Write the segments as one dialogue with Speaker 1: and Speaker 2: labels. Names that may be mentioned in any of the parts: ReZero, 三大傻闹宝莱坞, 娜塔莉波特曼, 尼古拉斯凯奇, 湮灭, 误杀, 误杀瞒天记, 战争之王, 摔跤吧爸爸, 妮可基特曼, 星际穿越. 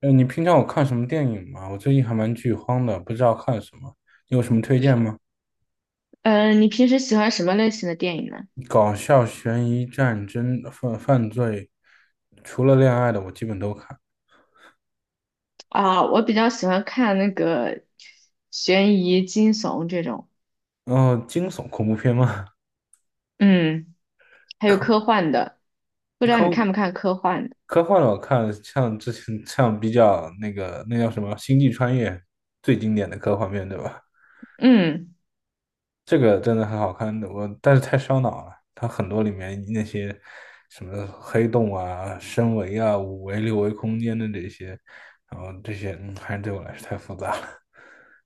Speaker 1: 你平常有看什么电影吗？我最近还蛮剧荒的，不知道看什么，你有什么推荐吗？
Speaker 2: 嗯，你平时喜欢什么类型的电影呢？
Speaker 1: 搞笑、悬疑、战争、犯罪，除了恋爱的我基本都看。
Speaker 2: 啊，我比较喜欢看那个悬疑、惊悚这种。
Speaker 1: 然后惊悚、恐怖片吗？
Speaker 2: 嗯，还有科
Speaker 1: 科
Speaker 2: 幻的。不知道你
Speaker 1: 科
Speaker 2: 看不看科幻的？
Speaker 1: 科幻的我看，像之前比较那个那叫什么《星际穿越》，最经典的科幻片，对吧？
Speaker 2: 嗯。
Speaker 1: 这个真的很好看的，我但是太烧脑了。它很多里面那些什么黑洞啊、深维啊、五维、六维空间的这些，然后这些，还是对我来说太复杂了。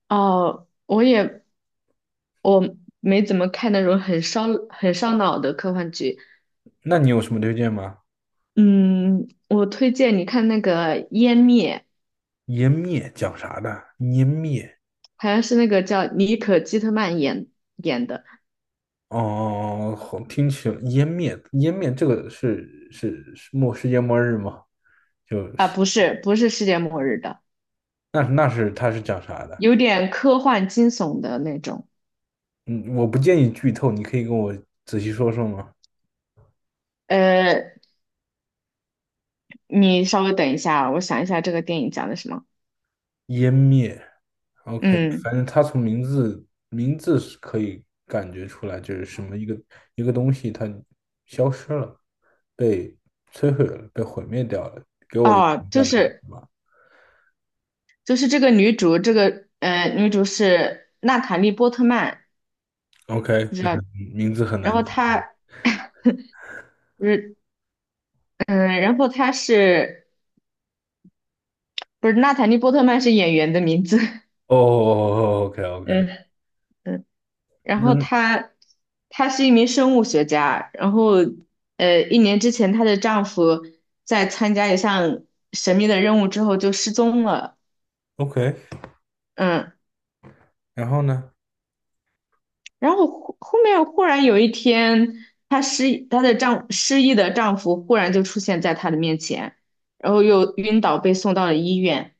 Speaker 2: 哦，我没怎么看那种很烧脑的科幻剧。
Speaker 1: 那你有什么推荐吗？
Speaker 2: 嗯，我推荐你看那个《湮灭》。
Speaker 1: 湮灭讲啥的？湮灭
Speaker 2: 好像是那个叫妮可基特曼演的。
Speaker 1: 哦，好，听起来湮灭这个是世界末日吗？就
Speaker 2: 啊，
Speaker 1: 是
Speaker 2: 不是，不是世界末日的，
Speaker 1: 那是它是讲啥的？
Speaker 2: 有点科幻惊悚的那种。
Speaker 1: 嗯，我不建议剧透，你可以跟我仔细说说吗？
Speaker 2: 呃，你稍微等一下，我想一下这个电影讲的什么。
Speaker 1: 湮灭，OK，
Speaker 2: 嗯。
Speaker 1: 反正他从名字是可以感觉出来，就是什么一个东西它消失了，被摧毁了，被毁灭掉了，给我
Speaker 2: 哦，
Speaker 1: 这
Speaker 2: 就
Speaker 1: 样的感
Speaker 2: 是
Speaker 1: 觉吧。
Speaker 2: 就是这个女主，这个女主是娜塔莉波特曼，
Speaker 1: OK，
Speaker 2: 不知道。
Speaker 1: 名字很
Speaker 2: 然
Speaker 1: 难
Speaker 2: 后
Speaker 1: 记。
Speaker 2: 不是，她是不是娜塔莉波特曼是演员的名字？
Speaker 1: 哦，OK OK，
Speaker 2: 嗯嗯。然后
Speaker 1: 那
Speaker 2: 她是一名生物学家，然后一年之前她的丈夫在参加一项神秘的任务之后就失踪了。
Speaker 1: OK，
Speaker 2: 嗯，
Speaker 1: 然后呢？
Speaker 2: 然后后面忽然有一天，她的失忆的丈夫忽然就出现在她的面前，然后又晕倒被送到了医院。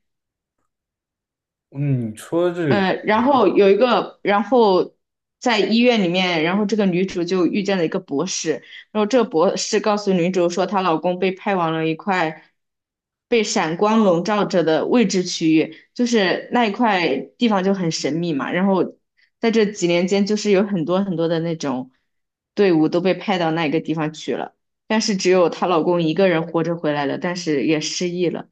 Speaker 1: 嗯你说这
Speaker 2: 嗯，
Speaker 1: 个。
Speaker 2: 呃然后有一个，然后在医院里面，这个女主就遇见了一个博士。然后这个博士告诉女主说，她老公被派往了一块被闪光笼罩着的未知区域，就是那一块地方就很神秘嘛。然后在这几年间，就是有很多很多的那种队伍都被派到那个地方去了，但是只有她老公一个人活着回来了，但是也失忆了。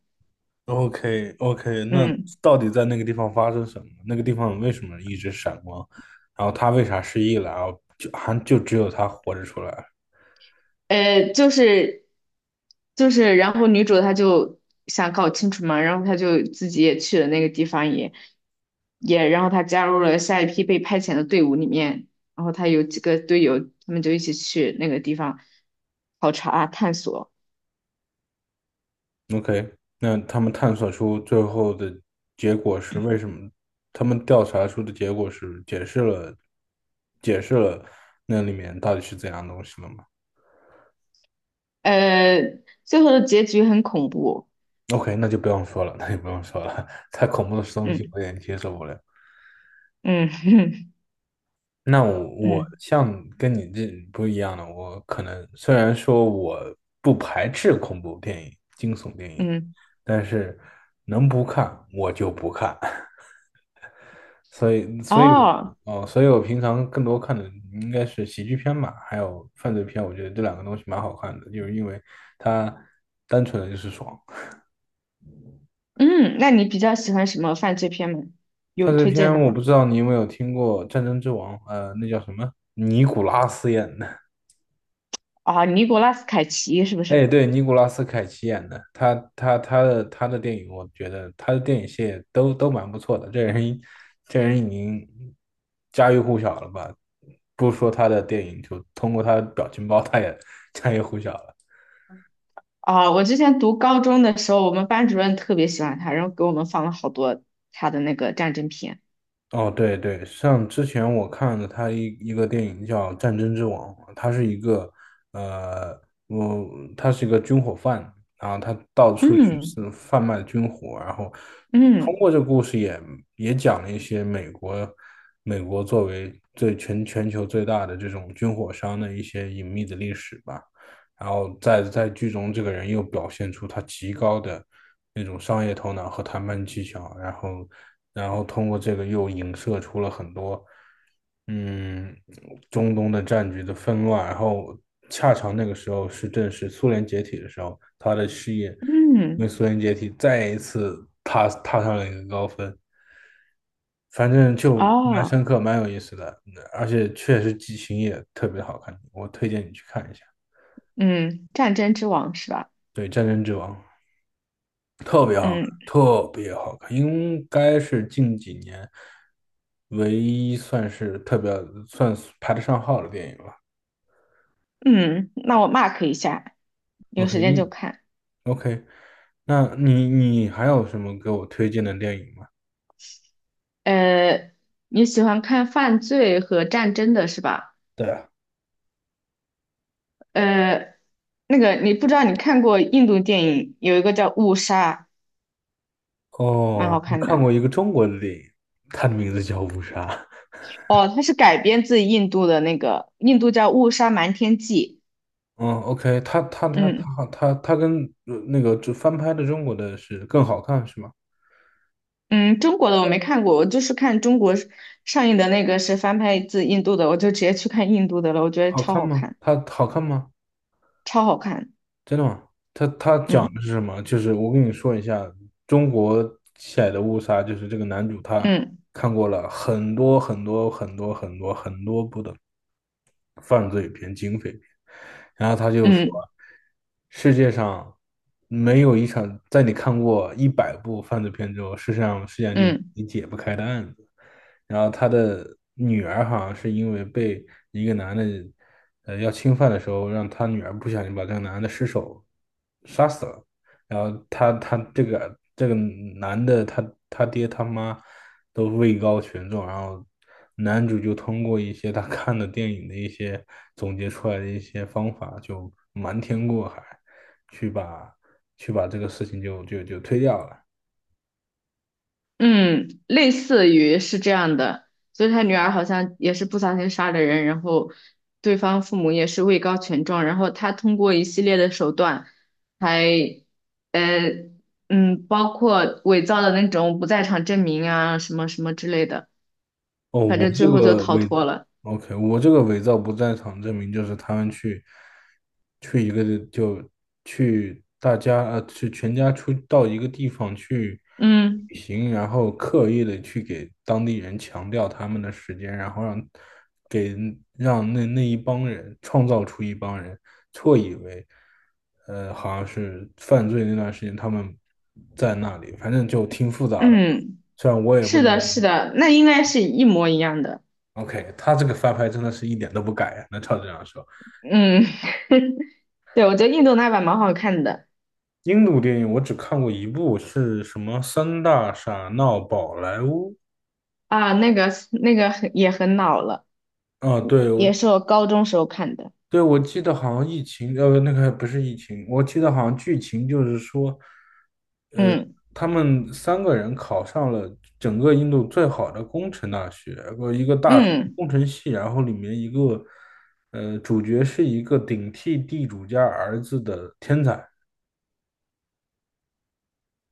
Speaker 1: o k o k 那
Speaker 2: 嗯。
Speaker 1: 到底在那个地方发生什么？那个地方为什么一直闪光？然后他为啥失忆了？然后就只有他活着出来。
Speaker 2: 呃，就是然后女主她就想搞清楚嘛。然后她就自己也去了那个地方，然后她加入了下一批被派遣的队伍里面，然后她有几个队友，他们就一起去那个地方考察啊探索。
Speaker 1: OK，那他们探索出最后的结果是为什么？他们调查出的结果是解释了那里面到底是怎样东西了吗
Speaker 2: 呃，最后的结局很恐怖。
Speaker 1: ？OK，那就不用说了，那就不用说了，太恐怖的东西
Speaker 2: 嗯
Speaker 1: 我有点接受不了。
Speaker 2: 嗯
Speaker 1: 那我
Speaker 2: 嗯
Speaker 1: 像跟你这不一样的，我可能虽然说我不排斥恐怖电影、惊悚电影，
Speaker 2: 嗯，
Speaker 1: 但是能不看我就不看，所以所以
Speaker 2: 哦。
Speaker 1: 哦，所以我平常更多看的应该是喜剧片吧，还有犯罪片，我觉得这两个东西蛮好看的，就是因为它单纯的就是爽。
Speaker 2: 嗯，那你比较喜欢什么犯罪片吗？有
Speaker 1: 犯罪
Speaker 2: 推荐的
Speaker 1: 片我
Speaker 2: 吗？
Speaker 1: 不知道你有没有听过《战争之王》，那叫什么？尼古拉斯演的。
Speaker 2: 啊，尼古拉斯凯奇是不
Speaker 1: 哎，
Speaker 2: 是？
Speaker 1: 对，尼古拉斯凯奇演的，他的电影，我觉得他的电影系列都蛮不错的。这人已经家喻户晓了吧？不说他的电影，就通过他的表情包，他也 家喻户晓了。
Speaker 2: 啊，我之前读高中的时候，我们班主任特别喜欢他，然后给我们放了好多他的那个战争片。
Speaker 1: 哦，对对，像之前我看的他一个电影叫《战争之王》，他是一个呃，我他是一个军火贩，然后他到处去
Speaker 2: 嗯
Speaker 1: 是贩卖军火，然后通
Speaker 2: 嗯
Speaker 1: 过这个故事也讲了一些美国作为全球最大的这种军火商的一些隐秘的历史吧。然后在剧中，这个人又表现出他极高的那种商业头脑和谈判技巧，然后通过这个又影射出了很多，嗯，中东的战局的纷乱。然后恰巧那个时候正是苏联解体的时候，他的事业因为
Speaker 2: 嗯，
Speaker 1: 苏联解体再一次踏上了一个高峰。反正就蛮
Speaker 2: 哦。
Speaker 1: 深刻，蛮有意思的，而且确实剧情也特别好看，我推荐你去看一下。
Speaker 2: 嗯，战争之王是吧？
Speaker 1: 对，《战争之王》。特别好看，
Speaker 2: 嗯
Speaker 1: 特别好看，应该是近几年唯一算是特别排得上号的电影了。
Speaker 2: 嗯，那我 mark 一下，有
Speaker 1: OK，
Speaker 2: 时间就
Speaker 1: 嗯
Speaker 2: 看。
Speaker 1: ，OK，那你还有什么给我推荐的电影吗？
Speaker 2: 呃，你喜欢看犯罪和战争的是吧？
Speaker 1: 对啊，
Speaker 2: 呃，那个你不知道你看过印度电影，有一个叫《误杀》，蛮
Speaker 1: 哦，
Speaker 2: 好
Speaker 1: 我
Speaker 2: 看
Speaker 1: 看
Speaker 2: 的。
Speaker 1: 过一个中国的电影，它的名字叫《误杀》。
Speaker 2: 哦，它是改编自印度的那个，印度叫《误杀瞒天记》。
Speaker 1: 嗯，OK，它它它
Speaker 2: 嗯
Speaker 1: 它它它跟那个就翻拍的中国的是更好看是吗？
Speaker 2: 嗯，中国的我没看过，我就是看中国上映的那个是翻拍自印度的，我就直接去看印度的了，我觉得
Speaker 1: 好
Speaker 2: 超
Speaker 1: 看
Speaker 2: 好
Speaker 1: 吗？
Speaker 2: 看，
Speaker 1: 它好看吗？
Speaker 2: 超好看。
Speaker 1: 真的吗？他讲的
Speaker 2: 嗯
Speaker 1: 是什么？就是我跟你说一下，中国起来的误杀，就是这个男主他
Speaker 2: 嗯
Speaker 1: 看过了很多很多很多很多很多部的犯罪片、警匪片，然后他就说，
Speaker 2: 嗯
Speaker 1: 世界上没有一场在你看过100部犯罪片之后，世界上就
Speaker 2: 嗯
Speaker 1: 你解不开的案子。然后他的女儿好像是因为被一个男的，要侵犯的时候，让他女儿不小心把这个男的失手杀死了。然后他他这个男的他爹他妈都位高权重，然后男主就通过一些他看的电影的一些总结出来的一些方法，就瞒天过海，去把去把这个事情就推掉了。
Speaker 2: 嗯，类似于是这样的，就是他女儿好像也是不小心杀了人，然后对方父母也是位高权重，然后他通过一系列的手段还呃包括伪造的那种不在场证明啊什么什么之类的，
Speaker 1: 哦，
Speaker 2: 反
Speaker 1: 我
Speaker 2: 正
Speaker 1: 这
Speaker 2: 最后就
Speaker 1: 个
Speaker 2: 逃
Speaker 1: 位。伪
Speaker 2: 脱了。
Speaker 1: OK，我这个伪造不在场证明就是他们去一个地就去大家去全家出到一个地方去
Speaker 2: 嗯
Speaker 1: 旅行，然后刻意的去给当地人强调他们的时间，然后给让那一帮人创造出一帮人错以为好像是犯罪那段时间他们在那里，反正就挺复杂的，
Speaker 2: 嗯，
Speaker 1: 虽然我也不
Speaker 2: 是
Speaker 1: 能
Speaker 2: 的，
Speaker 1: 理
Speaker 2: 是
Speaker 1: 解。
Speaker 2: 的，那应该是一模一样的。
Speaker 1: OK，他这个翻拍真的是一点都不改啊，那照这样说，
Speaker 2: 嗯，对，我觉得印度那版蛮好看的。
Speaker 1: 印度电影我只看过一部，是什么《三大傻闹宝莱坞》
Speaker 2: 啊，那个很也很老了，
Speaker 1: 啊？对，
Speaker 2: 也是我高中时候看的。
Speaker 1: 我记得好像疫情，那个不是疫情，我记得好像剧情就是说，
Speaker 2: 嗯
Speaker 1: 他们三个人考上了整个印度最好的工程大学，一个大
Speaker 2: 嗯，
Speaker 1: 工程系，然后里面一个，主角是一个顶替地主家儿子的天才。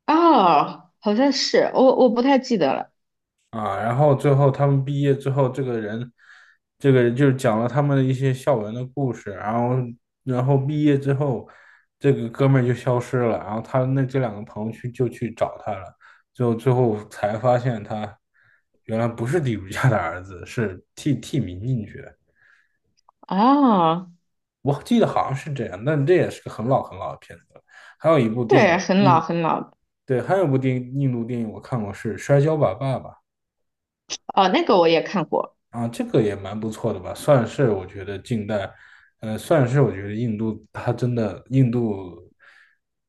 Speaker 2: 哦，好像是，我不太记得了。
Speaker 1: 啊，然后最后他们毕业之后，这个人就是讲了他们的一些校园的故事，然后，然后毕业之后，这个哥们儿就消失了，然后这两个朋友就去找他了，最后最后才发现他原来不是地主家的儿子，是替民进去的，
Speaker 2: 哦，
Speaker 1: 我记得好像是这样，但这也是个很老很老的片子了。还有一部电
Speaker 2: 对，
Speaker 1: 影
Speaker 2: 很老
Speaker 1: 印，
Speaker 2: 很老了。
Speaker 1: 对，还有一部电影印度电影我看过是《摔跤吧，爸爸》。
Speaker 2: 哦，那个我也看过。
Speaker 1: 啊，这个也蛮不错的吧，算是我觉得近代，算是我觉得印度它真的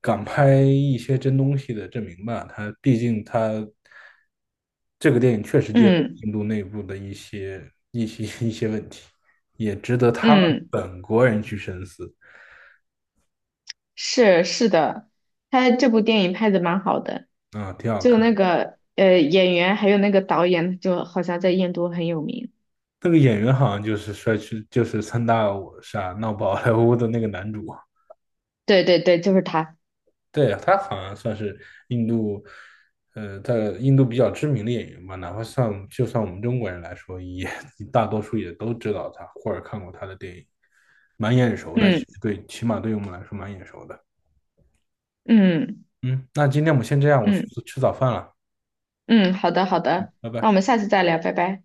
Speaker 1: 敢拍一些真东西的证明吧。它毕竟它这个电影确实结合
Speaker 2: 嗯
Speaker 1: 印度内部的一些问题，也值得他们
Speaker 2: 嗯。
Speaker 1: 本国人去深思
Speaker 2: 是的，他这部电影拍的蛮好的，
Speaker 1: 啊，挺好
Speaker 2: 就
Speaker 1: 看。
Speaker 2: 那个演员还有那个导演，就好像在印度很有名。
Speaker 1: 那个演员好像就是帅气，就是三大我傻闹宝莱坞的那个男主。
Speaker 2: 对对对，就是他。
Speaker 1: 对啊，他好像算是印度，在印度比较知名的演员吧，哪怕就算我们中国人来说，也大多数也都知道他或者看过他的电影，蛮眼熟的。其实
Speaker 2: 嗯
Speaker 1: 对，起码对于我们来说蛮眼熟的。
Speaker 2: 嗯
Speaker 1: 嗯，那今天我们先这样，我去
Speaker 2: 嗯
Speaker 1: 吃早饭了，
Speaker 2: 嗯，好的好的，
Speaker 1: 拜
Speaker 2: 那
Speaker 1: 拜。
Speaker 2: 我们下次再聊，拜拜。